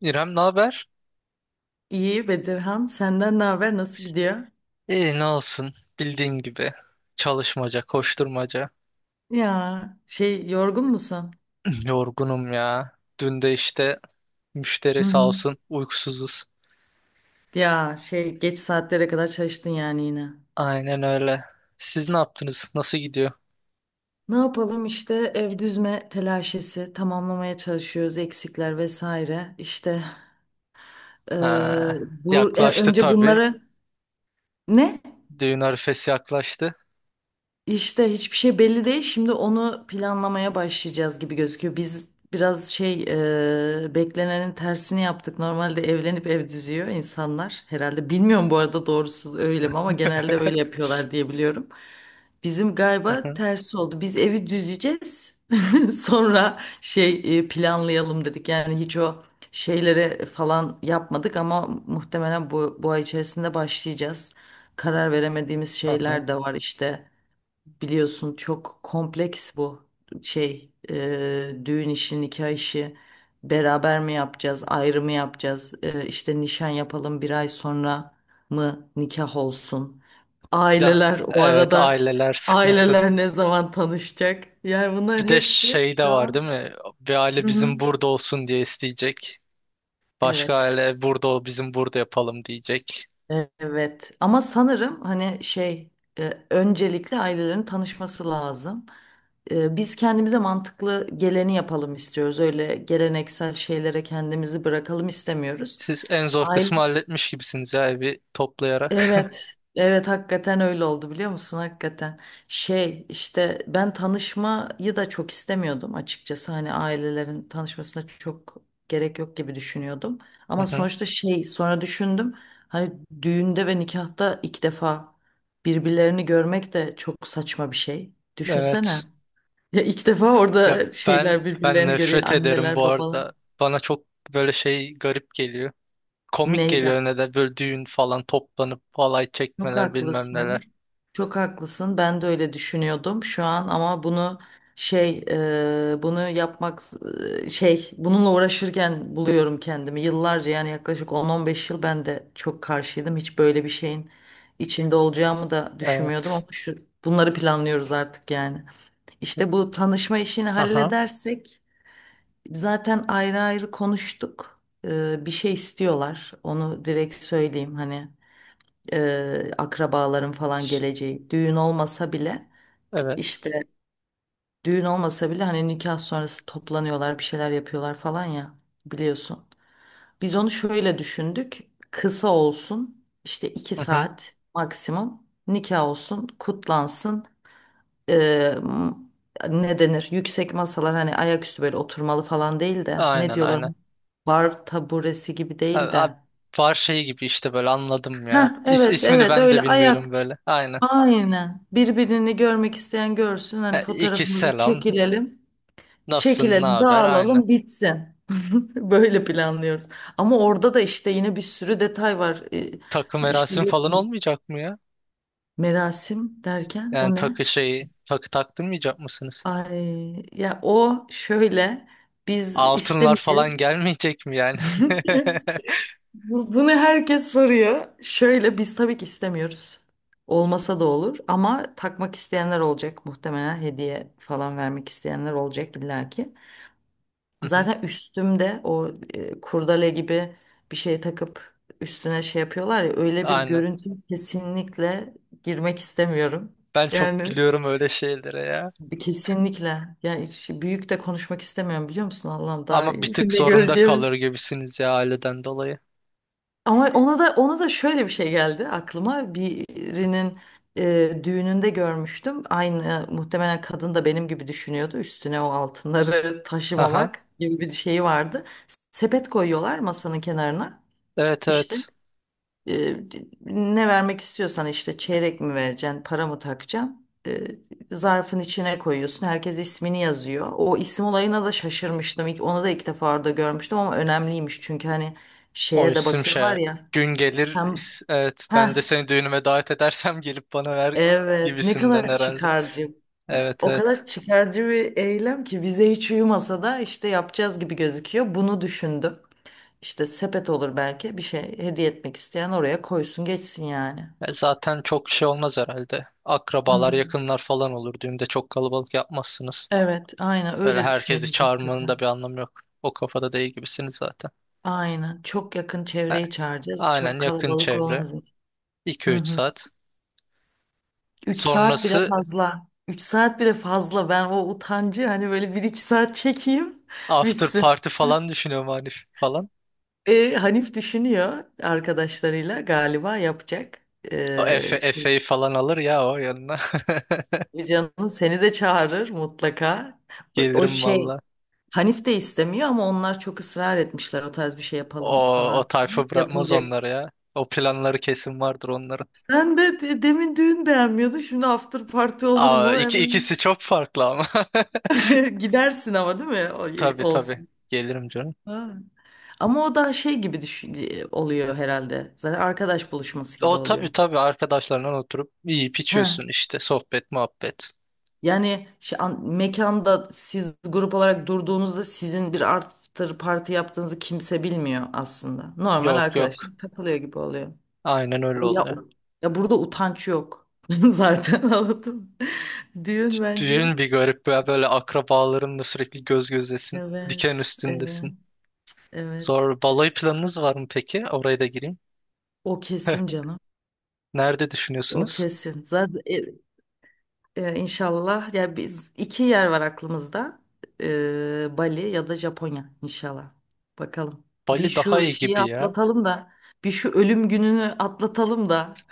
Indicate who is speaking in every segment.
Speaker 1: İrem, ne haber?
Speaker 2: İyi Bedirhan, senden ne haber? Nasıl gidiyor?
Speaker 1: İyi, ne olsun. Bildiğin gibi. Çalışmaca, koşturmaca.
Speaker 2: Ya şey yorgun musun?
Speaker 1: Yorgunum ya. Dün de işte
Speaker 2: Hı
Speaker 1: müşteri sağ
Speaker 2: hı.
Speaker 1: olsun uykusuzuz.
Speaker 2: Ya şey geç saatlere kadar çalıştın yani yine.
Speaker 1: Aynen öyle. Siz ne yaptınız? Nasıl gidiyor?
Speaker 2: Ne yapalım işte ev düzme telaşesi tamamlamaya çalışıyoruz eksikler vesaire. İşte eee,
Speaker 1: Ha,
Speaker 2: bu
Speaker 1: yaklaştı
Speaker 2: önce
Speaker 1: tabii.
Speaker 2: bunları ne?
Speaker 1: Düğün arifesi yaklaştı.
Speaker 2: İşte hiçbir şey belli değil. Şimdi onu planlamaya başlayacağız gibi gözüküyor. Biz biraz şey beklenenin tersini yaptık. Normalde evlenip ev düzüyor insanlar herhalde. Bilmiyorum bu arada doğrusu öyle mi ama genelde öyle yapıyorlar diye biliyorum. Bizim galiba tersi oldu. Biz evi düzeceğiz. Sonra şey planlayalım dedik. Yani hiç o şeylere falan yapmadık ama muhtemelen bu ay içerisinde başlayacağız. Karar veremediğimiz şeyler de var işte. Biliyorsun çok kompleks bu şey düğün işi, nikah işi beraber mi yapacağız, ayrı mı yapacağız? E, işte nişan yapalım, bir ay sonra mı nikah olsun,
Speaker 1: Bir de
Speaker 2: aileler o
Speaker 1: evet,
Speaker 2: arada
Speaker 1: aileler sıkıntı.
Speaker 2: aileler ne zaman tanışacak, yani bunların
Speaker 1: Bir de
Speaker 2: hepsi
Speaker 1: şey de
Speaker 2: şu
Speaker 1: var, değil
Speaker 2: an.
Speaker 1: mi? Bir aile
Speaker 2: Hı hı.
Speaker 1: bizim burada olsun diye isteyecek. Başka
Speaker 2: Evet.
Speaker 1: aile burada ol bizim burada yapalım diyecek.
Speaker 2: Evet ama sanırım hani şey öncelikle ailelerin tanışması lazım. E, biz kendimize mantıklı geleni yapalım istiyoruz. Öyle geleneksel şeylere kendimizi bırakalım istemiyoruz.
Speaker 1: Siz en zor kısmı halletmiş gibisiniz ya, evi toplayarak.
Speaker 2: Evet, evet, hakikaten öyle oldu, biliyor musun? Hakikaten şey işte, ben tanışmayı da çok istemiyordum açıkçası. Hani ailelerin tanışmasına çok gerek yok gibi düşünüyordum.
Speaker 1: Hı
Speaker 2: Ama
Speaker 1: hı.
Speaker 2: sonuçta şey, sonra düşündüm, hani düğünde ve nikahta iki defa birbirlerini görmek de çok saçma bir şey. Düşünsene.
Speaker 1: Evet.
Speaker 2: Ya ilk defa
Speaker 1: Ya
Speaker 2: orada şeyler
Speaker 1: ben
Speaker 2: birbirlerini görüyor,
Speaker 1: nefret ederim
Speaker 2: anneler
Speaker 1: bu
Speaker 2: babalar.
Speaker 1: arada. Bana çok böyle şey garip geliyor. Komik geliyor
Speaker 2: Neyden?
Speaker 1: ne de böyle düğün falan toplanıp halay
Speaker 2: Çok
Speaker 1: çekmeler bilmem neler.
Speaker 2: haklısın. Çok haklısın. Ben de öyle düşünüyordum şu an ama bunu şey bunu yapmak şey, bununla uğraşırken buluyorum kendimi. Yıllarca, yani yaklaşık 10-15 yıl ben de çok karşıydım. Hiç böyle bir şeyin içinde olacağımı da düşünmüyordum
Speaker 1: Evet.
Speaker 2: ama şu bunları planlıyoruz artık yani. İşte bu tanışma işini
Speaker 1: Aha.
Speaker 2: halledersek, zaten ayrı ayrı konuştuk. E, bir şey istiyorlar. Onu direkt söyleyeyim, hani akrabaların falan geleceği. Düğün olmasa bile,
Speaker 1: Evet.
Speaker 2: işte düğün olmasa bile hani nikah sonrası toplanıyorlar, bir şeyler yapıyorlar falan ya, biliyorsun. Biz onu şöyle düşündük. Kısa olsun işte, iki
Speaker 1: Hı hı.
Speaker 2: saat maksimum, nikah olsun, kutlansın. E, m- ne denir? Yüksek masalar, hani ayaküstü böyle oturmalı falan, değil de ne
Speaker 1: Aynen
Speaker 2: diyorlar?
Speaker 1: aynen.
Speaker 2: Bar taburesi gibi
Speaker 1: Abi,
Speaker 2: değil
Speaker 1: abi
Speaker 2: de.
Speaker 1: var şey gibi işte, böyle anladım ya.
Speaker 2: Ha, evet
Speaker 1: İsmini
Speaker 2: evet,
Speaker 1: ben de
Speaker 2: öyle ayak.
Speaker 1: bilmiyorum böyle. Aynen.
Speaker 2: Aynen. Birbirini görmek isteyen görsün. Hani
Speaker 1: Ha, İki
Speaker 2: fotoğrafımızı
Speaker 1: selam.
Speaker 2: çekilelim.
Speaker 1: Nasılsın? Ne
Speaker 2: Çekilelim,
Speaker 1: haber? Aynen.
Speaker 2: dağılalım, bitsin. Böyle planlıyoruz. Ama orada da işte yine bir sürü detay var.
Speaker 1: Takı
Speaker 2: İşte
Speaker 1: merasim
Speaker 2: yok,
Speaker 1: falan olmayacak mı ya?
Speaker 2: merasim derken
Speaker 1: Yani
Speaker 2: o ne?
Speaker 1: takı şeyi, takı taktırmayacak mısınız?
Speaker 2: Ay, ya o şöyle, biz
Speaker 1: Altınlar falan
Speaker 2: istemeyeceğiz.
Speaker 1: gelmeyecek mi yani?
Speaker 2: Bunu herkes soruyor. Şöyle, biz tabii ki istemiyoruz. Olmasa da olur ama takmak isteyenler olacak. Muhtemelen hediye falan vermek isteyenler olacak illaki.
Speaker 1: Hı hı.
Speaker 2: Zaten üstümde o kurdele gibi bir şey takıp üstüne şey yapıyorlar ya, öyle bir
Speaker 1: Aynen.
Speaker 2: görüntü kesinlikle girmek istemiyorum.
Speaker 1: Ben çok
Speaker 2: Yani
Speaker 1: gülüyorum öyle şeylere ya.
Speaker 2: kesinlikle, yani hiç büyük de konuşmak istemiyorum, biliyor musun Allah'ım, daha
Speaker 1: Ama bir tık
Speaker 2: şimdi
Speaker 1: zorunda
Speaker 2: göreceğimiz.
Speaker 1: kalır gibisiniz ya, aileden dolayı.
Speaker 2: Ama ona da şöyle bir şey geldi aklıma. Birinin düğününde görmüştüm. Aynı, muhtemelen kadın da benim gibi düşünüyordu. Üstüne o altınları
Speaker 1: Aha.
Speaker 2: taşımamak gibi bir şeyi vardı. Sepet koyuyorlar masanın kenarına.
Speaker 1: Evet
Speaker 2: İşte
Speaker 1: evet.
Speaker 2: e, ne vermek istiyorsan, işte çeyrek mi vereceksin, para mı takacaksın? E, zarfın içine koyuyorsun. Herkes ismini yazıyor. O isim olayına da şaşırmıştım. Onu da ilk defa orada görmüştüm ama önemliymiş. Çünkü hani
Speaker 1: O
Speaker 2: şeye de
Speaker 1: isim şey,
Speaker 2: bakıyorlar ya.
Speaker 1: gün gelir,
Speaker 2: Sen
Speaker 1: evet, ben de
Speaker 2: ha,
Speaker 1: seni düğünüme davet edersem gelip bana ver
Speaker 2: evet, ne
Speaker 1: gibisinden
Speaker 2: kadar
Speaker 1: herhalde.
Speaker 2: çıkarcı.
Speaker 1: Evet
Speaker 2: O
Speaker 1: evet.
Speaker 2: kadar çıkarcı bir eylem ki bize hiç uyumasa da işte yapacağız gibi gözüküyor. Bunu düşündüm. İşte sepet olur, belki bir şey hediye etmek isteyen oraya koysun geçsin yani.
Speaker 1: E, zaten çok şey olmaz herhalde. Akrabalar,
Speaker 2: Hı.
Speaker 1: yakınlar falan olur, düğünde çok kalabalık yapmazsınız.
Speaker 2: Evet, aynen
Speaker 1: Böyle
Speaker 2: öyle
Speaker 1: herkesi
Speaker 2: düşünüyoruz
Speaker 1: çağırmanın
Speaker 2: hakikaten.
Speaker 1: da bir anlamı yok. O kafada değil gibisiniz zaten.
Speaker 2: Aynen. Çok yakın
Speaker 1: He,
Speaker 2: çevreyi çağıracağız. Çok
Speaker 1: aynen, yakın
Speaker 2: kalabalık
Speaker 1: çevre,
Speaker 2: olmaz.
Speaker 1: 2
Speaker 2: Hı
Speaker 1: üç
Speaker 2: hı.
Speaker 1: saat.
Speaker 2: Üç saat bile
Speaker 1: Sonrası
Speaker 2: fazla. Üç saat bile fazla. Ben o utancı hani böyle bir iki saat çekeyim
Speaker 1: after
Speaker 2: bitsin.
Speaker 1: party falan düşünüyorum, Hanif falan.
Speaker 2: E, Hanif düşünüyor, arkadaşlarıyla galiba yapacak.
Speaker 1: O Efe,
Speaker 2: E, şey,
Speaker 1: Efe'yi falan alır ya o yanına.
Speaker 2: canım seni de çağırır mutlaka. O
Speaker 1: Gelirim
Speaker 2: şey,
Speaker 1: valla.
Speaker 2: Hanif de istemiyor ama onlar çok ısrar etmişler, o tarz bir şey
Speaker 1: O,
Speaker 2: yapalım
Speaker 1: o
Speaker 2: falan.
Speaker 1: tayfa bırakmaz
Speaker 2: Yapılacak
Speaker 1: onları ya. O planları kesin vardır onların.
Speaker 2: Sen de demin düğün beğenmiyordun. Şimdi after party olur
Speaker 1: Aa,
Speaker 2: mu? Hemen
Speaker 1: ikisi çok farklı ama.
Speaker 2: gidersin ama, değil mi?
Speaker 1: Tabii tabii.
Speaker 2: Olsun.
Speaker 1: Gelirim canım.
Speaker 2: Ha. Ama o daha şey gibi düşün oluyor herhalde. Zaten arkadaş buluşması gibi
Speaker 1: O
Speaker 2: oluyor.
Speaker 1: tabii tabii, arkadaşlarla oturup yiyip içiyorsun
Speaker 2: He.
Speaker 1: işte, sohbet muhabbet.
Speaker 2: Yani şey, mekanda siz grup olarak durduğunuzda, sizin bir after party yaptığınızı kimse bilmiyor aslında. Normal
Speaker 1: Yok
Speaker 2: arkadaşlar
Speaker 1: yok.
Speaker 2: takılıyor gibi oluyor.
Speaker 1: Aynen öyle
Speaker 2: O ya,
Speaker 1: oluyor.
Speaker 2: o- ya burada utanç yok. Zaten anladım. Düğün
Speaker 1: D-
Speaker 2: bence.
Speaker 1: Düğün bir garip ya, böyle akrabalarınla sürekli göz gözesin. Diken
Speaker 2: Evet. Evet.
Speaker 1: üstündesin.
Speaker 2: Evet.
Speaker 1: Zor. Balayı planınız var mı peki? Oraya da gireyim.
Speaker 2: O kesin canım.
Speaker 1: Nerede
Speaker 2: O
Speaker 1: düşünüyorsunuz?
Speaker 2: kesin. Zaten inşallah ya, biz, iki yer var aklımızda. E, Bali ya da Japonya inşallah. Bakalım.
Speaker 1: Bali
Speaker 2: Bir
Speaker 1: daha
Speaker 2: şu
Speaker 1: iyi
Speaker 2: şeyi
Speaker 1: gibi ya.
Speaker 2: atlatalım da, bir şu ölüm gününü atlatalım da.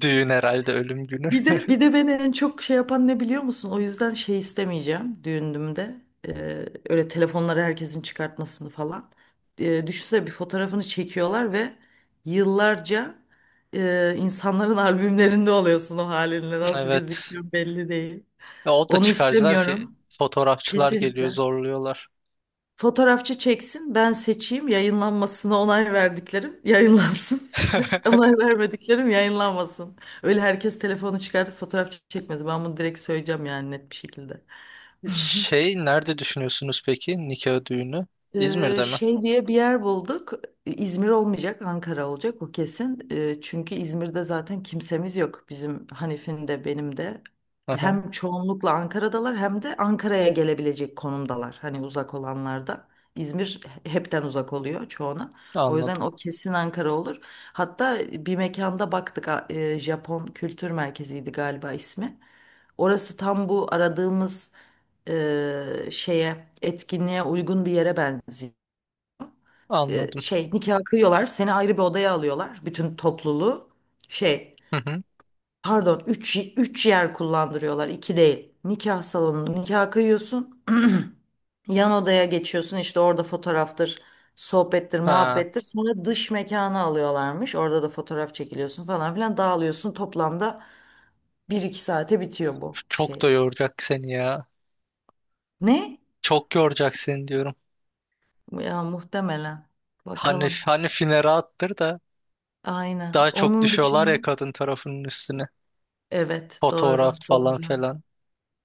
Speaker 1: Düğün herhalde ölüm günü.
Speaker 2: Bir de beni en çok şey yapan ne, biliyor musun? O yüzden şey istemeyeceğim düğünümde. Öyle telefonları herkesin çıkartmasını falan. Düşünsene, bir fotoğrafını çekiyorlar ve yıllarca insanların albümlerinde oluyorsun o halinle. Nasıl
Speaker 1: Evet.
Speaker 2: gözüküyor belli değil.
Speaker 1: Ya o da
Speaker 2: Onu
Speaker 1: çıkarcılar ki,
Speaker 2: istemiyorum.
Speaker 1: fotoğrafçılar geliyor
Speaker 2: Kesinlikle.
Speaker 1: zorluyorlar.
Speaker 2: Fotoğrafçı çeksin, ben seçeyim, yayınlanmasına onay verdiklerim yayınlansın. Onay vermediklerim yayınlanmasın. Öyle herkes telefonu çıkartıp fotoğraf çekmez. Ben bunu direkt söyleyeceğim, yani net bir şekilde.
Speaker 1: Şey, nerede düşünüyorsunuz peki nikah düğünü? İzmir'de mi?
Speaker 2: Şey diye bir yer bulduk. İzmir olmayacak, Ankara olacak, o kesin. Çünkü İzmir'de zaten kimsemiz yok. Bizim, Hanif'in de benim de.
Speaker 1: Hı hı,
Speaker 2: Hem çoğunlukla Ankara'dalar, hem de Ankara'ya gelebilecek konumdalar. Hani uzak olanlar da. İzmir hepten uzak oluyor çoğuna. O yüzden
Speaker 1: anladım.
Speaker 2: o kesin Ankara olur. Hatta bir mekanda baktık, Japon Kültür Merkezi'ydi galiba ismi. Orası tam bu aradığımız şeye, etkinliğe uygun bir yere benziyor. E,
Speaker 1: Anladım.
Speaker 2: şey, nikah kıyıyorlar, seni ayrı bir odaya alıyorlar, bütün topluluğu. Şey,
Speaker 1: Hı hı.
Speaker 2: pardon, üç yer kullandırıyorlar, 2 değil. Nikah salonunda nikah kıyıyorsun. Yan odaya geçiyorsun, işte orada fotoğraftır, sohbettir,
Speaker 1: Ha,
Speaker 2: muhabbettir. Sonra dış mekana alıyorlarmış. Orada da fotoğraf çekiliyorsun falan filan, dağılıyorsun. Toplamda bir iki saate bitiyor bu
Speaker 1: çok
Speaker 2: şey.
Speaker 1: da yoracak seni ya.
Speaker 2: Ne?
Speaker 1: Çok yoracak seni diyorum.
Speaker 2: Ya muhtemelen.
Speaker 1: Hani
Speaker 2: Bakalım.
Speaker 1: hani finere attır da
Speaker 2: Aynen.
Speaker 1: daha çok
Speaker 2: Onun
Speaker 1: düşüyorlar
Speaker 2: dışında,
Speaker 1: ya kadın tarafının üstüne.
Speaker 2: evet,
Speaker 1: Fotoğraf
Speaker 2: doğru doğru
Speaker 1: falan filan.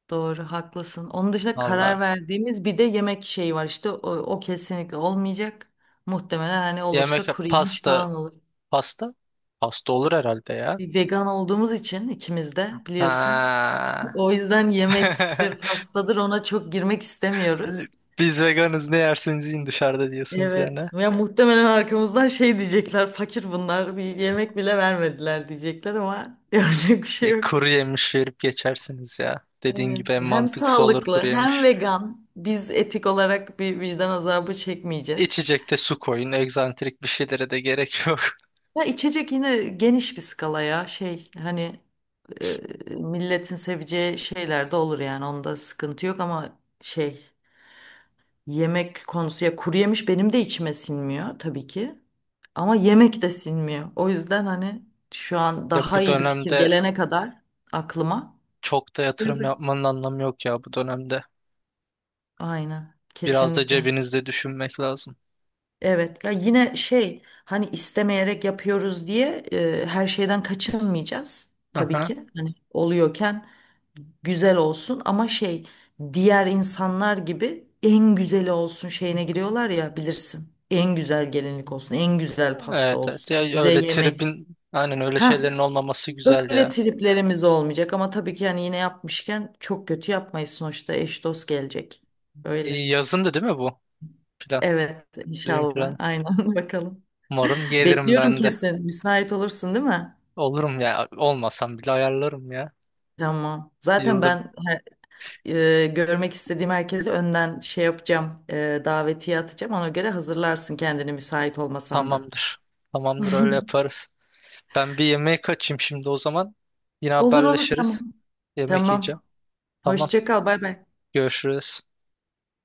Speaker 2: doğru, haklısın. Onun dışında
Speaker 1: Valla.
Speaker 2: karar verdiğimiz bir de yemek şeyi var, işte o kesinlikle olmayacak. Muhtemelen, hani
Speaker 1: Yemek,
Speaker 2: olursa kuru yemiş
Speaker 1: pasta,
Speaker 2: falan olur.
Speaker 1: pasta pasta olur herhalde ya.
Speaker 2: Bir vegan olduğumuz için ikimiz de, biliyorsun.
Speaker 1: Ha.
Speaker 2: O yüzden yemektir, pastadır, ona çok girmek istemiyoruz.
Speaker 1: Biz veganız, ne yerseniz yiyin dışarıda diyorsunuz yani.
Speaker 2: Evet. Ya muhtemelen arkamızdan şey diyecekler. Fakir bunlar. Bir yemek bile vermediler diyecekler ama yapacak bir şey
Speaker 1: E,
Speaker 2: yok.
Speaker 1: kuru yemiş verip geçersiniz ya. Dediğin
Speaker 2: Evet.
Speaker 1: gibi en
Speaker 2: Hem
Speaker 1: mantıklısı olur, kuru
Speaker 2: sağlıklı, hem
Speaker 1: yemiş.
Speaker 2: vegan. Biz etik olarak bir vicdan azabı çekmeyeceğiz.
Speaker 1: İçecekte su koyun. Egzantrik bir şeylere de gerek yok.
Speaker 2: Ya içecek yine geniş bir skala ya. Şey, hani e, milletin seveceği şeyler de olur, yani onda sıkıntı yok ama şey, yemek konusu, ya kuru yemiş benim de içime sinmiyor tabii ki. Ama yemek de sinmiyor. O yüzden hani şu an
Speaker 1: Ya
Speaker 2: daha
Speaker 1: bu
Speaker 2: iyi bir fikir
Speaker 1: dönemde
Speaker 2: gelene kadar aklıma.
Speaker 1: çok da yatırım
Speaker 2: Tabii.
Speaker 1: yapmanın anlamı yok ya, bu dönemde.
Speaker 2: Aynen,
Speaker 1: Biraz da
Speaker 2: kesinlikle.
Speaker 1: cebinizde düşünmek lazım.
Speaker 2: Evet ya, yine şey, hani istemeyerek yapıyoruz diye her şeyden kaçınmayacağız tabii
Speaker 1: Aha.
Speaker 2: ki. Hani oluyorken güzel olsun ama şey, diğer insanlar gibi en güzeli olsun şeyine giriyorlar ya, bilirsin. En güzel gelinlik olsun, en güzel pasta
Speaker 1: Evet evet.
Speaker 2: olsun,
Speaker 1: Ya
Speaker 2: güzel
Speaker 1: öyle
Speaker 2: yemek.
Speaker 1: tribin, aynen öyle
Speaker 2: Ha,
Speaker 1: şeylerin olmaması güzel
Speaker 2: öyle
Speaker 1: ya.
Speaker 2: triplerimiz olmayacak ama tabii ki, yani yine yapmışken çok kötü yapmayız sonuçta, eş dost gelecek.
Speaker 1: E,
Speaker 2: Öyle.
Speaker 1: yazın da, değil mi bu plan?
Speaker 2: Evet,
Speaker 1: Düğün
Speaker 2: inşallah
Speaker 1: planı.
Speaker 2: aynen bakalım.
Speaker 1: Umarım gelirim
Speaker 2: Bekliyorum
Speaker 1: ben de.
Speaker 2: kesin. Müsait olursun değil mi?
Speaker 1: Olurum ya. Olmasam bile ayarlarım ya.
Speaker 2: Tamam. Zaten
Speaker 1: Yılda
Speaker 2: ben görmek istediğim herkesi önden şey yapacağım. Davetiye atacağım. Ona göre hazırlarsın kendini, müsait olmasan da.
Speaker 1: tamamdır. Tamamdır, öyle yaparız. Ben bir yemeğe kaçayım şimdi o zaman. Yine
Speaker 2: Olur olur, tamam.
Speaker 1: haberleşiriz. Yemek yiyeceğim.
Speaker 2: Tamam.
Speaker 1: Tamam.
Speaker 2: Hoşça kal. Bay bay.
Speaker 1: Görüşürüz.